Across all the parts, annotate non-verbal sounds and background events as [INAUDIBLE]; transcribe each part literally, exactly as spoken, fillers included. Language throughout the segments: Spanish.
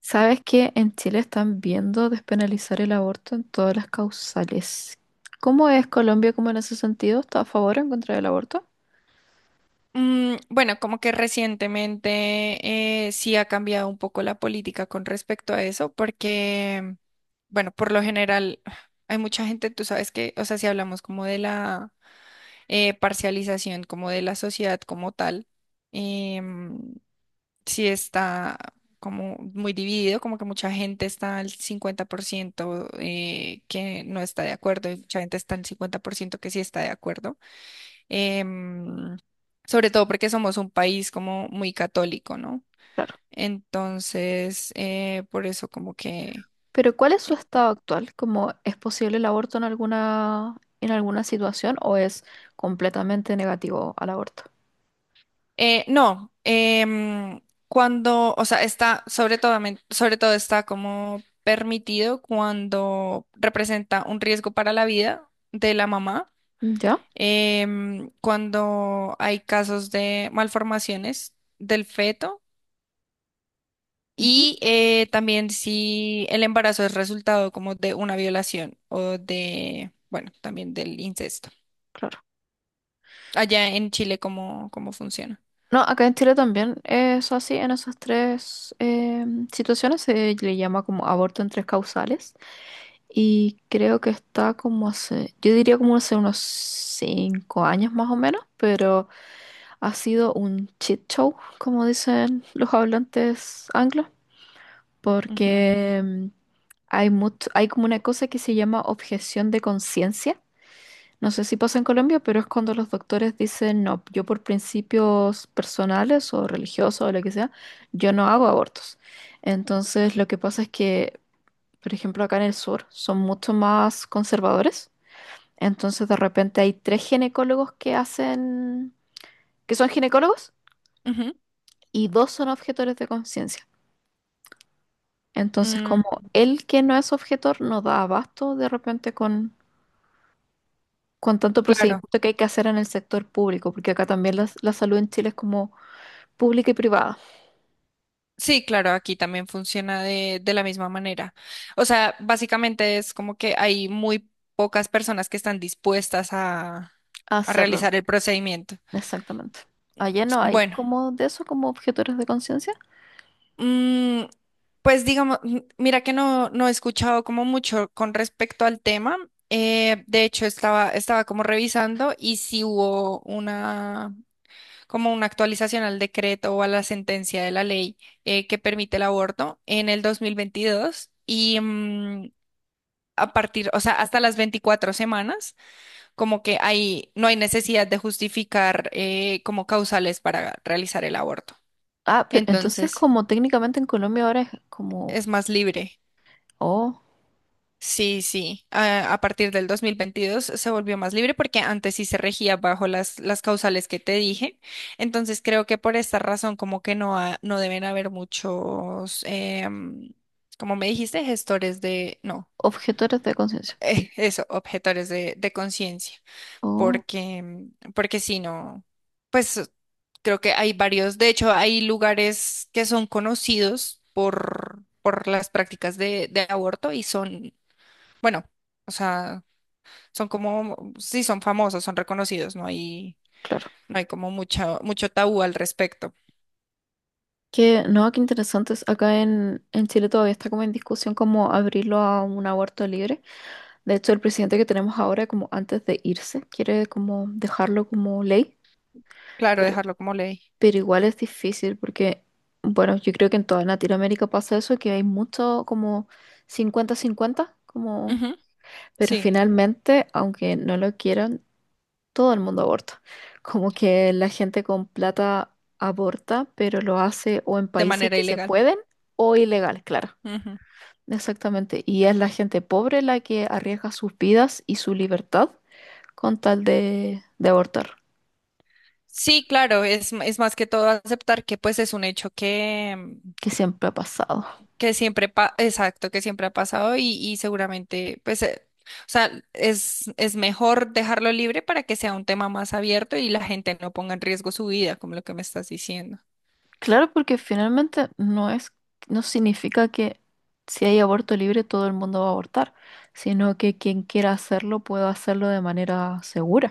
¿Sabes que en Chile están viendo despenalizar el aborto en todas las causales? ¿Cómo es Colombia como en ese sentido? ¿Está a favor o en contra del aborto? Mm, bueno, como que recientemente eh, sí ha cambiado un poco la política con respecto a eso, porque, bueno, por lo general hay mucha gente, tú sabes que, o sea, si hablamos como de la eh, parcialización, como de la sociedad como tal, em, sí está como muy dividido, como que mucha gente está al cincuenta por ciento eh, que no está de acuerdo y mucha gente está al cincuenta por ciento que sí está de acuerdo, em, sobre todo porque somos un país como muy católico, ¿no? Claro. Entonces, eh, por eso como que... Pero ¿cuál es su estado actual? ¿Cómo es posible el aborto en alguna, en alguna situación o es completamente negativo al aborto? eh, no, em, cuando, o sea, está, sobre todo, sobre todo está como permitido cuando representa un riesgo para la vida de la mamá, ¿Ya? em, cuando hay casos de malformaciones del feto. Ujú. Y eh, también si el embarazo es resultado como de una violación o de, bueno, también del incesto. Claro. Allá en Chile, ¿cómo, cómo funciona? No, acá en Chile también es así, en esas tres em, situaciones se le llama como aborto en tres causales y creo que está como hace, yo diría como hace unos cinco años más o menos, pero ha sido un shit show, como dicen los hablantes anglos, Ujú, porque em, hay mucho, hay como una cosa que se llama objeción de conciencia. No sé si pasa en Colombia, pero es cuando los doctores dicen, no, yo por principios personales o religiosos o lo que sea, yo no hago abortos. Entonces, lo que pasa es que, por ejemplo, acá en el sur son mucho más conservadores. Entonces, de repente hay tres ginecólogos que hacen, que son ginecólogos, ujú, y dos son objetores de conciencia. Entonces, mm, como él que no es objetor no da abasto de repente con, con tanto claro. procedimiento que hay que hacer en el sector público, porque acá también las- la salud en Chile es como pública y privada. Sí, claro, aquí también funciona de, de la misma manera. O sea, básicamente es como que hay muy pocas personas que están dispuestas a, A a hacerlo, realizar el procedimiento. exactamente. Allá no hay Bueno. como de eso, como objetores de conciencia. Mm, pues digamos, mm, mira que no, no he escuchado como mucho con respecto al tema. Eh, de hecho, estaba, estaba como revisando y si hubo una, como una actualización al decreto o a la sentencia de la ley eh, que permite el aborto en el dos mil veintidós y mm, a partir, o sea, hasta las veinticuatro semanas, como que hay, no hay necesidad de justificar eh, como causales para realizar el aborto. Ah, pero entonces Entonces, como técnicamente en Colombia ahora es como, es más libre. oh, Sí, sí. A, a partir del dos mil veintidós se volvió más libre porque antes sí se regía bajo las, las causales que te dije. Entonces creo que por esta razón como que no, ha- no deben haber muchos, em, como me dijiste, gestores de, no, objetores de conciencia. [LAUGHS] eh, eso, objetores de, de conciencia. Oh, Porque, mm, porque si no, pues creo que hay varios, de hecho hay lugares que son conocidos por, por las prácticas de, de aborto y son, bueno. O sea, son como, sí, son famosos, son reconocidos, no hay, claro. no hay como mucho, mucho tabú al respecto. Que no, qué interesante. es, Acá en, en Chile todavía está como en discusión como abrirlo a un aborto libre. De hecho, el presidente que tenemos ahora, como antes de irse, quiere como dejarlo como ley. Claro, Pero dejarlo como ley. Pero igual es difícil porque, bueno, yo creo que en toda Latinoamérica pasa eso, que hay mucho como cincuenta cincuenta como... Ujú, Pero sí, finalmente, aunque no lo quieran, todo el mundo aborta. Como que la gente con plata aborta, pero lo hace o en de países manera que se ilegal. pueden o ilegales, claro. Ujú. Exactamente. Y es la gente pobre la que arriesga sus vidas y su libertad con tal de, de abortar, Sí, claro, es, m- es más que todo aceptar que pues es un hecho que, mm, que siempre ha pasado. que siempre, pa- exacto, que siempre ha pasado y, y seguramente pues, eh, o sea, es, es mejor dejarlo libre para que sea un tema más abierto y la gente no ponga en riesgo su vida, como lo que me estás diciendo. Claro, porque finalmente no es, no significa que si hay aborto libre todo el mundo va a abortar, sino que quien quiera hacerlo pueda hacerlo de manera segura.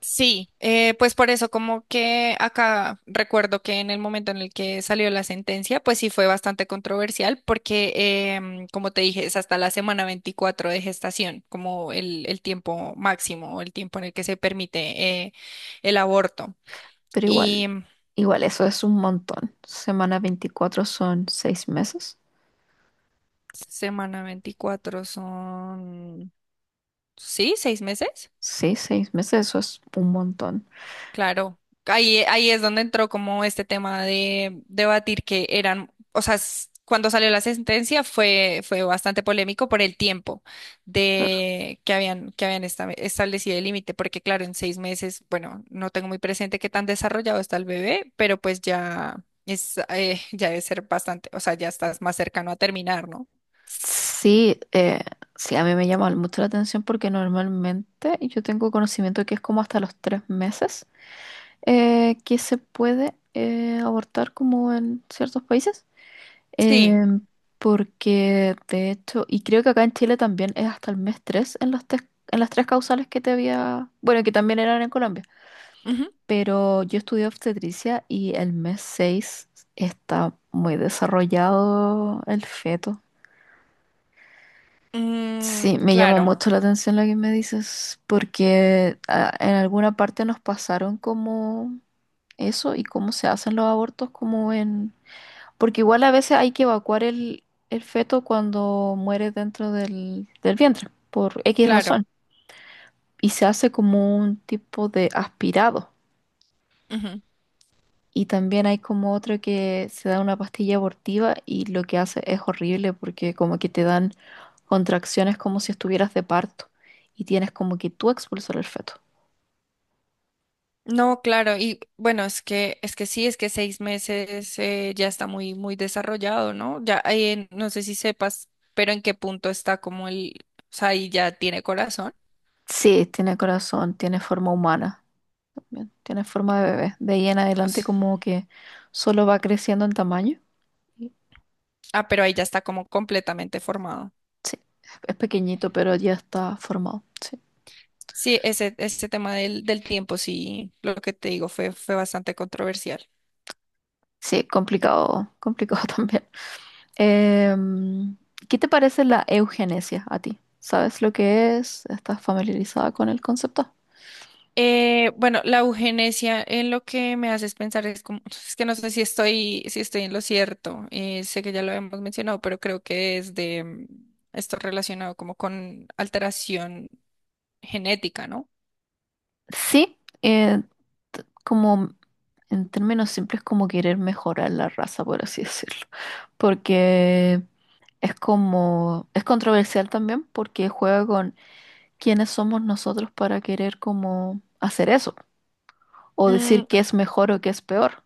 Sí, eh, pues por eso como que acá recuerdo que en el momento en el que salió la sentencia, pues sí fue bastante controversial porque, em, como te dije, es hasta la semana veinticuatro de gestación, como el, el tiempo máximo o el tiempo en el que se permite eh, el aborto. Pero igual, Y mm, igual eso es un montón. Semana veinticuatro son seis meses. semana veinticuatro son, sí, seis meses. Sí, seis meses, eso es un montón. Claro, ahí, ahí es donde entró como este tema de debatir que eran, o sea, s- cuando salió la sentencia fue, fue bastante polémico por el tiempo Claro. de que habían, que habían esta- establecido el límite, porque claro, en seis meses, bueno, no tengo muy presente qué tan desarrollado está el bebé, pero pues ya es, eh, [LAUGHS] ya debe ser bastante, o sea, ya estás más cercano a terminar, ¿no? Sí, eh, sí, a mí me llama mucho la atención porque normalmente yo tengo conocimiento que es como hasta los tres meses eh, que se puede eh, abortar como en ciertos países, Sí. em, porque de hecho, y creo que acá en Chile también es hasta el mes tres en las, tres- en las tres causales que te había, bueno, que también eran en Colombia, Ujú. pero yo estudié obstetricia y el mes seis está muy desarrollado el feto. Mm, Sí, me llamó claro, mucho la atención lo que me dices, porque ah, en alguna parte nos pasaron como eso y cómo se hacen los abortos como en... Porque igual a veces hay que evacuar el, el feto cuando muere dentro del, del vientre, por X claro. razón. Y se hace como un tipo de aspirado. Y también hay como otro que se da una pastilla abortiva, y lo que hace es horrible porque como que te dan contracciones como si estuvieras de parto y tienes como que tú expulsar el feto. No, claro, y bueno, es que, es que sí, es que seis meses eh, ya está muy, muy desarrollado, ¿no? Ya, eh, no sé si sepas, pero en qué punto está como el, o sea, ahí ya tiene corazón. Sí, tiene corazón, tiene forma humana, también tiene forma de bebé. De ahí en O adelante sea, como que solo va creciendo en tamaño. ah, pero ahí ya está como completamente formado. Sí, es pequeñito, pero ya está formado. Sí, Sí, ese, ese tema del, del tiempo, sí, lo que te digo fue, fue bastante controversial. sí, complicado, complicado [LAUGHS] también. Em, ¿qué te parece la eugenesia a ti? ¿Sabes lo que es? ¿Estás familiarizada con el concepto? Eh, bueno, la eugenesia en lo que me haces pensar es como, es que no sé si estoy, si estoy en lo cierto, eh, sé que ya lo hemos mencionado, pero creo que es de mm, esto relacionado como con alteración genética, ¿no? Sí, eh, como en términos simples, como querer mejorar la raza, por así [LAUGHS] decirlo. Porque es como, es controversial también porque juega con quiénes somos nosotros para querer como hacer eso, o decir Mm, qué es mejor o qué es peor,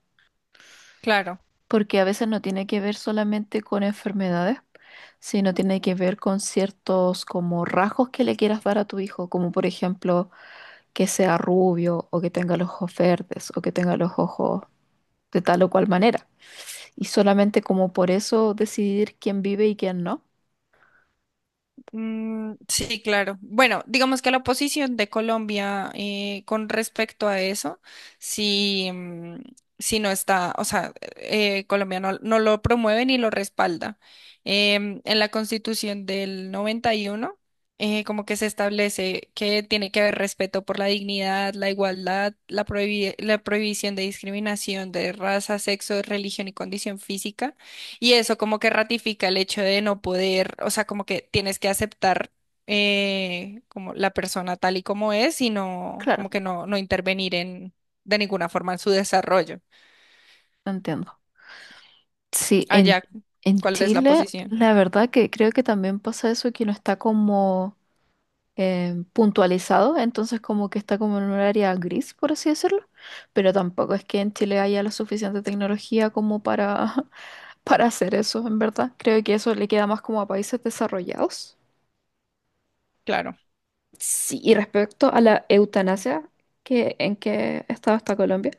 claro. porque a veces no tiene que ver solamente con enfermedades, sino tiene que ver con ciertos como rasgos que le quieras dar a tu hijo, como por ejemplo que sea rubio, o que tenga los ojos verdes, o que tenga los ojos de tal o cual manera. Y solamente como por eso decidir quién vive y quién no. Mm, sí, claro. Bueno, digamos que la posición de Colombia eh, con respecto a eso, si, mm, si no está, o sea, eh, Colombia no, no lo promueve ni lo respalda. Em, en la Constitución del noventa y uno, eh, como que se establece que tiene que haber respeto por la dignidad, la igualdad, la prohibi- la prohibición de discriminación de raza, sexo, religión y condición física y eso como que ratifica el hecho de no poder, o sea, como que tienes que aceptar eh, como la persona tal y como es y no, Claro, como que no, no intervenir en, de ninguna forma en su desarrollo. entiendo. Sí, en, Allá, en ¿cuál es la Chile posición? la verdad que creo que también pasa eso, que no está como eh, puntualizado, entonces como que está como en un área gris, por así decirlo, pero tampoco es que en Chile haya la suficiente tecnología como para, [LAUGHS] para hacer eso, en verdad. Creo que eso le queda más como a países desarrollados. Claro. Sí, y respecto a la eutanasia, que, ¿en qué estado está Colombia?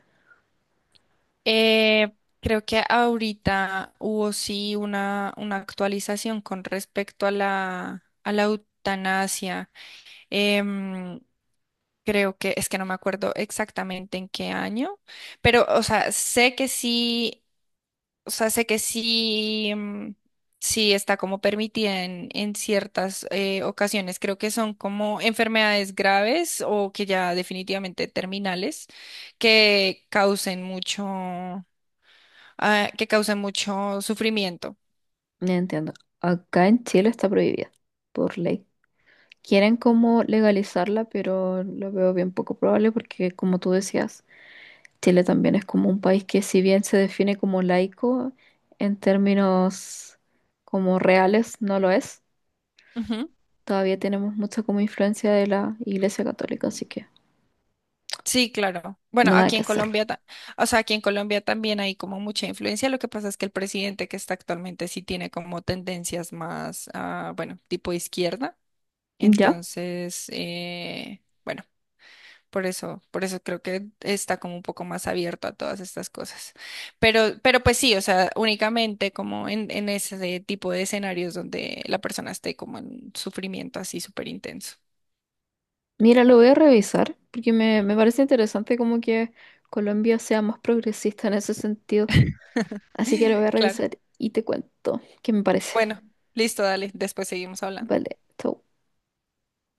Eh, creo que ahorita hubo sí una, una actualización con respecto a la, a la eutanasia. Em, creo que es que no me acuerdo exactamente en qué año, pero, o sea, sé que sí, o sea, sé que sí, em, sí está como permitida en, en ciertas eh, ocasiones. Creo que son como enfermedades graves o que ya definitivamente terminales que causen mucho, ah, que causen mucho sufrimiento. No entiendo. Acá en Chile está prohibida por ley. Quieren como legalizarla, pero lo veo bien poco probable porque, como tú decías, Chile también es como un país que si bien se define como laico, en términos como reales no lo es. Ujú. Todavía tenemos mucha como influencia de la Iglesia Católica, así que Sí, claro. Bueno, nada aquí que en hacer. Colombia, ta- o sea, aquí en Colombia también hay como mucha influencia. Lo que pasa es que el presidente que está actualmente sí tiene como tendencias más, ah, bueno, tipo izquierda. Ya, Entonces, eh, bueno. Por eso, por eso creo que está como un poco más abierto a todas estas cosas. Pero, pero pues sí, o sea, únicamente como en, en ese tipo de escenarios donde la persona esté como en sufrimiento así súper intenso. mira, lo voy a revisar porque me, me parece interesante como que Colombia sea más progresista en ese sentido. Así que lo voy a [LAUGHS] Claro. revisar y te cuento qué me parece. Bueno, listo, dale, después seguimos hablando. Vale, chau.